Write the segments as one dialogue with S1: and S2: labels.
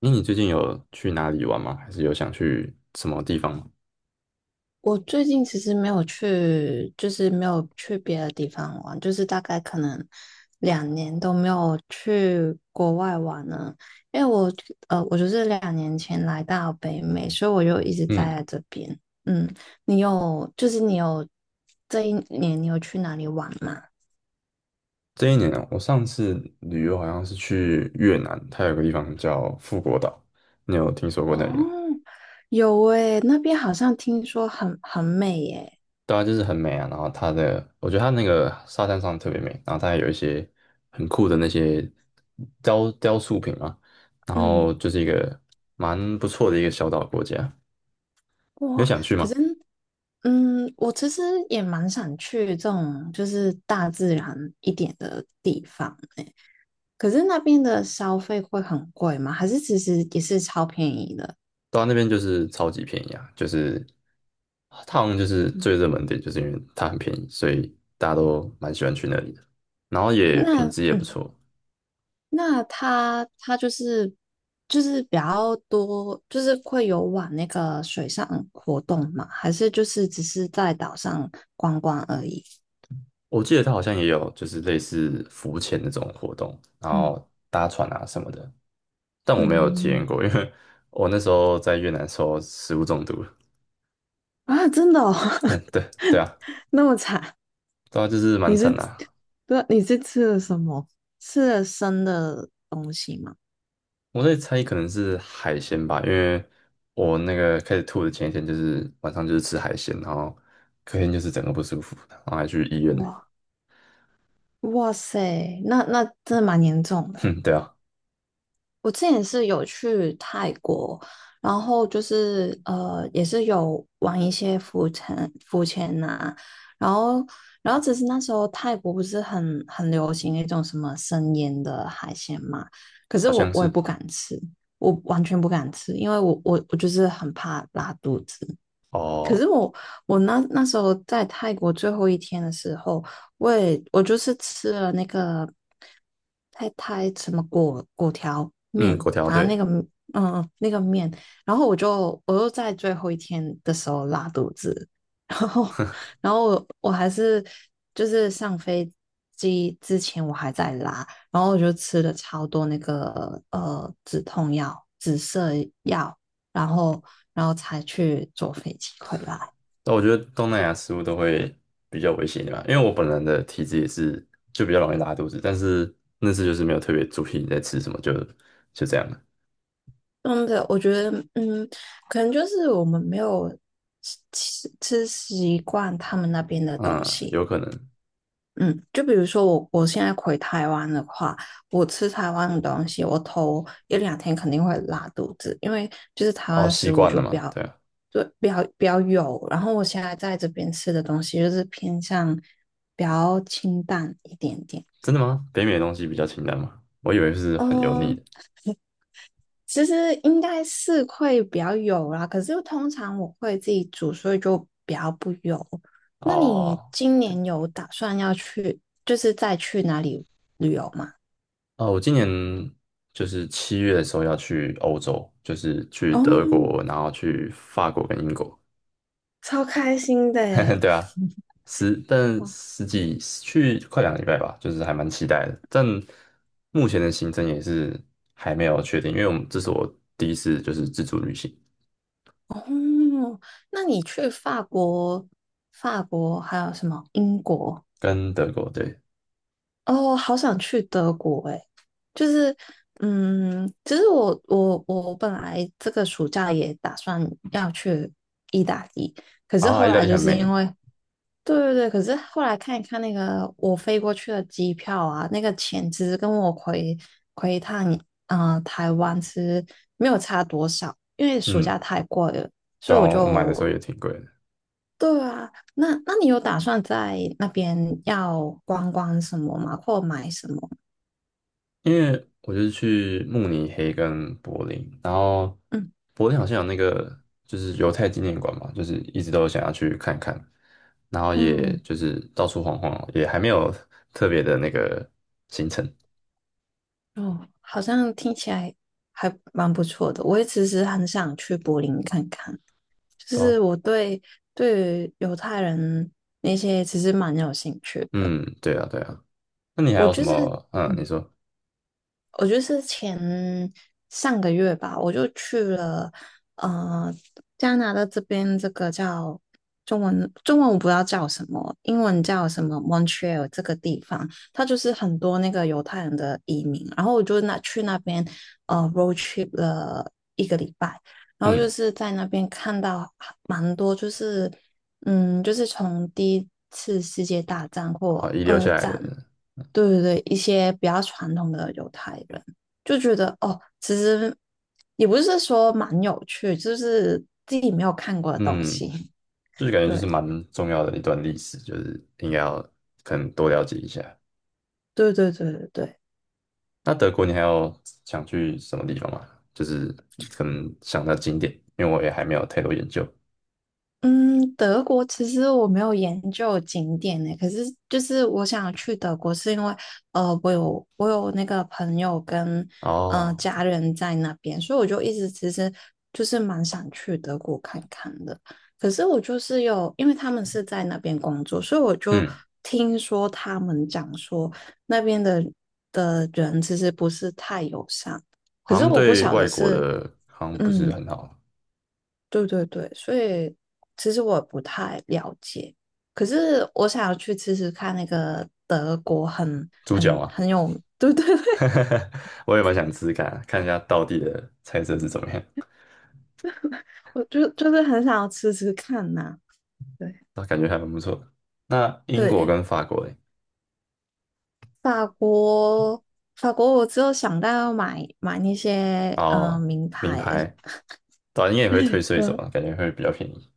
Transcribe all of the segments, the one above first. S1: 那你最近有去哪里玩吗？还是有想去什么地方吗？
S2: 我最近其实没有去，就是没有去别的地方玩，就是大概可能两年都没有去国外玩了。因为我就是2年前来到北美，所以我就一直待
S1: 嗯，
S2: 在这边。嗯，你有，就是你有这一年你有去哪里玩吗？
S1: 这一年啊，我上次旅游好像是去越南，它有个地方叫富国岛，你有听说过
S2: 哦，
S1: 那里吗？
S2: 有诶，那边好像听说很美耶。
S1: 对啊，就是很美啊，然后它的，我觉得它那个沙滩上特别美，然后它还有一些很酷的那些雕塑品啊，然
S2: 嗯，
S1: 后就是一个蛮不错的一个小岛国家，你有
S2: 哇，
S1: 想去
S2: 可
S1: 吗？
S2: 是我其实也蛮想去这种就是大自然一点的地方诶，可是那边的消费会很贵吗？还是其实也是超便宜的？
S1: 到那边就是超级便宜啊，就是它好像就是
S2: 嗯。
S1: 最热门点，就是因为它很便宜，所以大家都蛮喜欢去那里的。然后也品
S2: 那
S1: 质也不错，
S2: 那它就是比较多，就是会有往那个水上活动嘛？还是就是只是在岛上观光而已？
S1: 我记得它好像也有就是类似浮潜那种活动，然
S2: 嗯
S1: 后搭船啊什么的，但我没有体验
S2: 嗯，
S1: 过，因为我那时候在越南的时候食物中毒了。
S2: 啊，真的哦。
S1: 对对 啊，
S2: 那么惨。
S1: 对啊，就是蛮
S2: 你
S1: 惨
S2: 是
S1: 的
S2: 吃
S1: 啊。
S2: 对，你是吃了什么？吃了生的东西吗？
S1: 我在猜可能是海鲜吧，因为我那个开始吐的前一天就是晚上就是吃海鲜，然后隔天就是整个不舒服，然后还去医院呢。
S2: 哇哇塞，那真的蛮严重 的欸。
S1: 哼，对啊。
S2: 我之前是有去泰国，然后就是也是有玩一些浮沉浮潜呐、然后只是那时候泰国不是很流行那种什么生腌的海鲜嘛，可是
S1: 好
S2: 我
S1: 像
S2: 我也
S1: 是
S2: 不敢吃，我完全不敢吃，因为我就是很怕拉肚子。可
S1: 哦，
S2: 是我那时候在泰国最后一天的时候，我就是吃了那个太太什么果果条
S1: 嗯，
S2: 面，
S1: 粿条
S2: 反正
S1: 对。
S2: 那个面，然后我又在最后一天的时候拉肚子，然后我还是就是上飞机之前我还在拉，然后我就吃了超多那个止痛药、止泻药。然后才去坐飞机回来。
S1: 但我觉得东南亚食物都会比较危险一点吧，因为我本人的体质也是就比较容易拉肚子，但是那次就是没有特别注意在吃什么，就这样了。
S2: 真的，我觉得，可能就是我们没有吃习惯他们那边的东
S1: 嗯，
S2: 西。
S1: 有可能。
S2: 嗯，就比如说我现在回台湾的话，我吃台湾的东西，我头一两天肯定会拉肚子，因为就是台湾
S1: 哦，
S2: 的
S1: 习
S2: 食物
S1: 惯
S2: 就
S1: 了
S2: 比
S1: 嘛，
S2: 较，
S1: 对啊。
S2: 对，比较油，然后我现在在这边吃的东西就是偏向比较清淡一点点。
S1: 真的吗？北美的东西比较清淡吗？我以为是很油腻的。
S2: 嗯，其实应该是会比较油啦，可是通常我会自己煮，所以就比较不油。那你
S1: 哦。
S2: 今年有打算要去，就是再去哪里旅游吗？
S1: 哦，我今年就是七月的时候要去欧洲，就是去
S2: 哦，
S1: 德国，然后去法国跟英国。
S2: 超开心的诶。
S1: 对啊，十几去快两个礼拜吧，就是还蛮期待的。但目前的行程也是还没有确定，因为我们这是我第一次就是自助旅行，
S2: 哦，那你去法国、还有什么英国。
S1: 跟德国对
S2: 哦，好想去德国诶，就是，其实我本来这个暑假也打算要去意大利，可是
S1: 啊。
S2: 后
S1: 意大
S2: 来
S1: 利
S2: 就
S1: 很
S2: 是因
S1: 美，
S2: 为，对对对，可是后来看一看那个我飞过去的机票啊，那个钱其实跟我回一趟台湾其实没有差多少，因为暑假
S1: 嗯，
S2: 太贵了，所
S1: 对
S2: 以
S1: 啊，
S2: 我
S1: 我买的时候
S2: 就。
S1: 也挺贵的。
S2: 对啊，那你有打算在那边要观光什么吗？或买什么？
S1: 因为我就是去慕尼黑跟柏林，然后
S2: 嗯
S1: 柏林好像有那个就是犹太纪念馆嘛，就是一直都想要去看看，然后也
S2: 嗯，
S1: 就是到处晃晃，也还没有特别的那个行程。
S2: 哦，好像听起来还蛮不错的。我也其实很想去柏林看看，就
S1: 到，
S2: 是对于犹太人那些其实蛮有兴趣的。
S1: 嗯，对啊，对啊。那你还
S2: 我
S1: 有什
S2: 就是
S1: 么？嗯，你
S2: 嗯。
S1: 说，
S2: 我就是上个月吧，我就去了呃加拿大这边这个叫中文我不知道叫什么，英文叫什么 Montreal 这个地方，它就是很多那个犹太人的移民，然后我就去那边road trip 了一个礼拜，然后就
S1: 嗯，
S2: 是在那边看到蛮多就是。嗯，就是从第一次世界大战
S1: 好，
S2: 或
S1: 遗留
S2: 二
S1: 下来
S2: 战，
S1: 的，
S2: 对对对，一些比较传统的犹太人就觉得哦，其实也不是说蛮有趣，就是自己没有看过的东
S1: 嗯，
S2: 西。
S1: 就是感 觉就
S2: 对
S1: 是蛮重要的一段历史，就是应该要可能多了解一下。
S2: 对对对对对。
S1: 那德国你还有想去什么地方吗？就是可能想到景点，因为我也还没有太多研究。
S2: 嗯，德国其实我没有研究景点呢，可是就是我想去德国，是因为我有那个朋友跟
S1: 哦，
S2: 家人在那边，所以我就一直其实就是蛮想去德国看看的。可是我就是有，因为他们是在那边工作，所以我就
S1: 嗯，
S2: 听说他们讲说那边的人其实不是太友善，可
S1: 好
S2: 是
S1: 像
S2: 我不
S1: 对
S2: 晓得
S1: 外国
S2: 是
S1: 的好像不是
S2: 嗯。
S1: 很好。
S2: 对对对，所以其实我也不太了解，可是我想要去吃吃看那个德国很
S1: 猪脚
S2: 很
S1: 吗？
S2: 很有，对对对，
S1: 我也蛮想吃吃看啊，看一下道地的菜色是怎么样，
S2: 我就是很想要吃吃看呐、对
S1: 那感觉还蛮不错的。那英国
S2: 对，
S1: 跟法国嘞，
S2: 法国法国，我只有想到要买买那些
S1: 哦，
S2: 名
S1: 名
S2: 牌，
S1: 牌，短你也会退税什
S2: 对
S1: 么，感觉会比较便宜。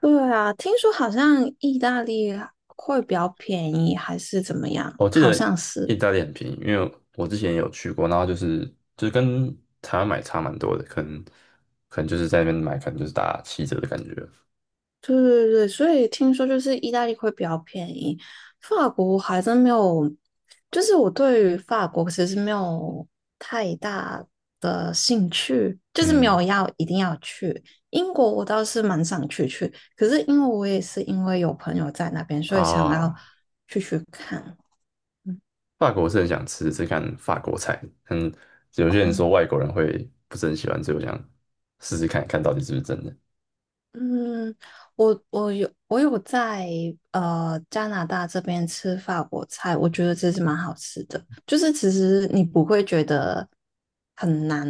S2: 对啊，听说好像意大利会比较便宜，还是怎么样？
S1: 我记
S2: 好
S1: 得
S2: 像
S1: 意
S2: 是。
S1: 大利很便宜，因为我之前也有去过，然后就是就是跟台湾买差蛮多的，可能就是在那边买，可能就是打七折的感觉。
S2: 对对对，所以听说就是意大利会比较便宜，法国还真没有，就是我对于法国其实没有太大的兴趣，就是没有
S1: 嗯
S2: 要一定要去。英国我倒是蛮想去，可是因为我也是因为有朋友在那边，所以想要
S1: 啊，
S2: 去看。
S1: 法国是很想吃吃看法国菜，嗯，有些人
S2: 嗯。
S1: 说外国人会不是很喜欢，所以我想试试看看到底是不是真的。
S2: 嗯，我有在加拿大这边吃法国菜，我觉得这是蛮好吃的。就是其实你不会觉得很难，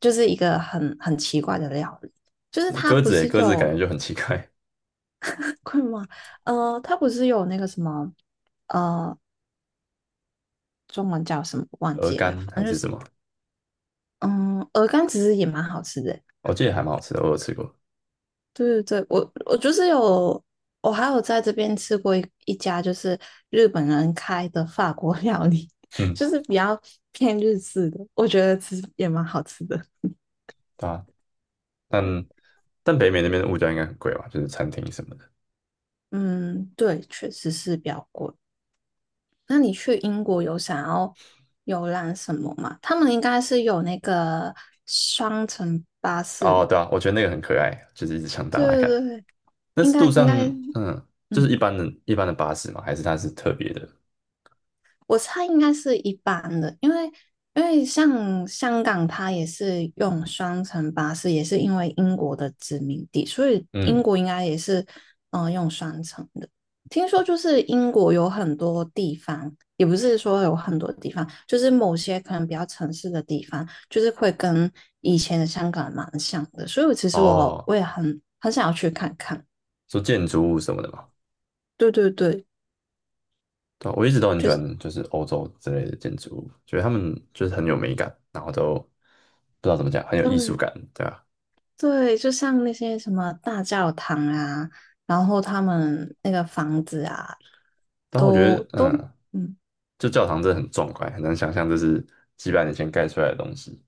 S2: 就是一个很奇怪的料理。就是
S1: 那
S2: 它
S1: 鸽
S2: 不
S1: 子诶，
S2: 是
S1: 鸽子感
S2: 有
S1: 觉就很奇怪，
S2: 困吗？它不是有那个什么呃中文叫什么忘
S1: 鹅
S2: 记了，反
S1: 肝还
S2: 正就
S1: 是什
S2: 是
S1: 么，
S2: 嗯鹅肝其实也蛮好吃的。
S1: 我记得还蛮好吃的，我有吃过。
S2: 对对对，我就是有，我还有在这边吃过一家就是日本人开的法国 料理，
S1: 哼
S2: 就是比较偏日式的，我觉得吃也蛮好吃的。
S1: 对啊，但但北美那边的物价应该很贵吧，就是餐厅什么的。
S2: 嗯，对，确实是比较贵。那你去英国有想要游览什么吗？他们应该是有那个双层巴
S1: 哦，
S2: 士，
S1: 对啊，我觉得那个很可爱，就是一直想打打
S2: 对
S1: 看。
S2: 对对，
S1: 那
S2: 应
S1: 是
S2: 该
S1: 路
S2: 应
S1: 上，
S2: 该，
S1: 嗯，就是
S2: 嗯，
S1: 一般的巴士嘛，还是它是特别的？
S2: 我猜应该是一般的，因为像香港，它也是用双层巴士，也是因为英国的殖民地，所以英
S1: 嗯，
S2: 国应该也是用双层的。听说就是英国有很多地方，也不是说有很多地方，就是某些可能比较城市的地方，就是会跟以前的香港蛮像的，所以我其实我
S1: 哦，
S2: 我也很想要去看看。
S1: 说建筑物什么的嘛。
S2: 对对对，
S1: 对啊我一直都很喜
S2: 就是
S1: 欢，就是欧洲之类的建筑物，觉得他们就是很有美感，然后都不知道怎么讲，很有艺术
S2: 对。
S1: 感，对啊。
S2: 对，就像那些什么大教堂啊，然后他们那个房子啊，
S1: 然后我觉得，
S2: 都
S1: 嗯，
S2: 嗯，
S1: 就教堂真的很壮观，很难想象这是几百年前盖出来的东西。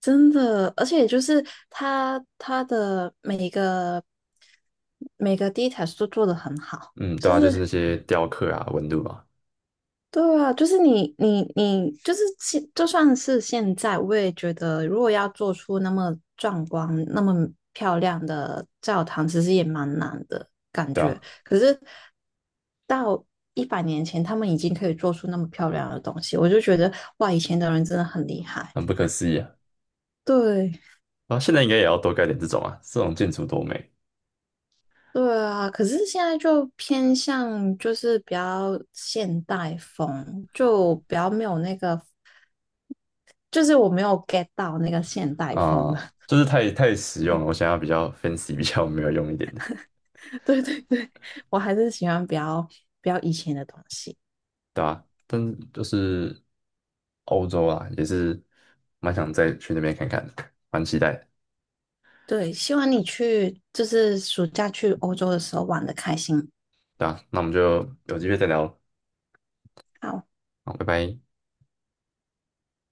S2: 真的，而且就是他的每个 details 都做得很好，
S1: 嗯，对
S2: 就
S1: 啊，就是
S2: 是
S1: 那些雕刻啊、纹路啊，
S2: 对啊，就是你，就是就算是现在，我也觉得，如果要做出那么壮观、那么漂亮的教堂，其实也蛮难的感
S1: 对
S2: 觉。
S1: 啊，
S2: 可是到100年前，他们已经可以做出那么漂亮的东西，我就觉得，哇，以前的人真的很厉害。
S1: 很不可思议啊。
S2: 对，
S1: 啊，现在应该也要多盖点这种啊，这种建筑多美
S2: 对啊，可是现在就偏向就是比较现代风，就比较没有那个，就是我没有 get 到那个现代风
S1: 啊、
S2: 的。
S1: 就是太实用了。我想要比较 fancy、比较没有用一点的，
S2: 对对对，我还是喜欢比较以前的东西。
S1: 对吧、但就是欧洲啊，也是蛮想再去那边看看的，蛮期待的，
S2: 对，希望你去就是暑假去欧洲的时候玩的开心。
S1: 对吧、那我们就有机会再聊，
S2: 好。
S1: 好，拜拜。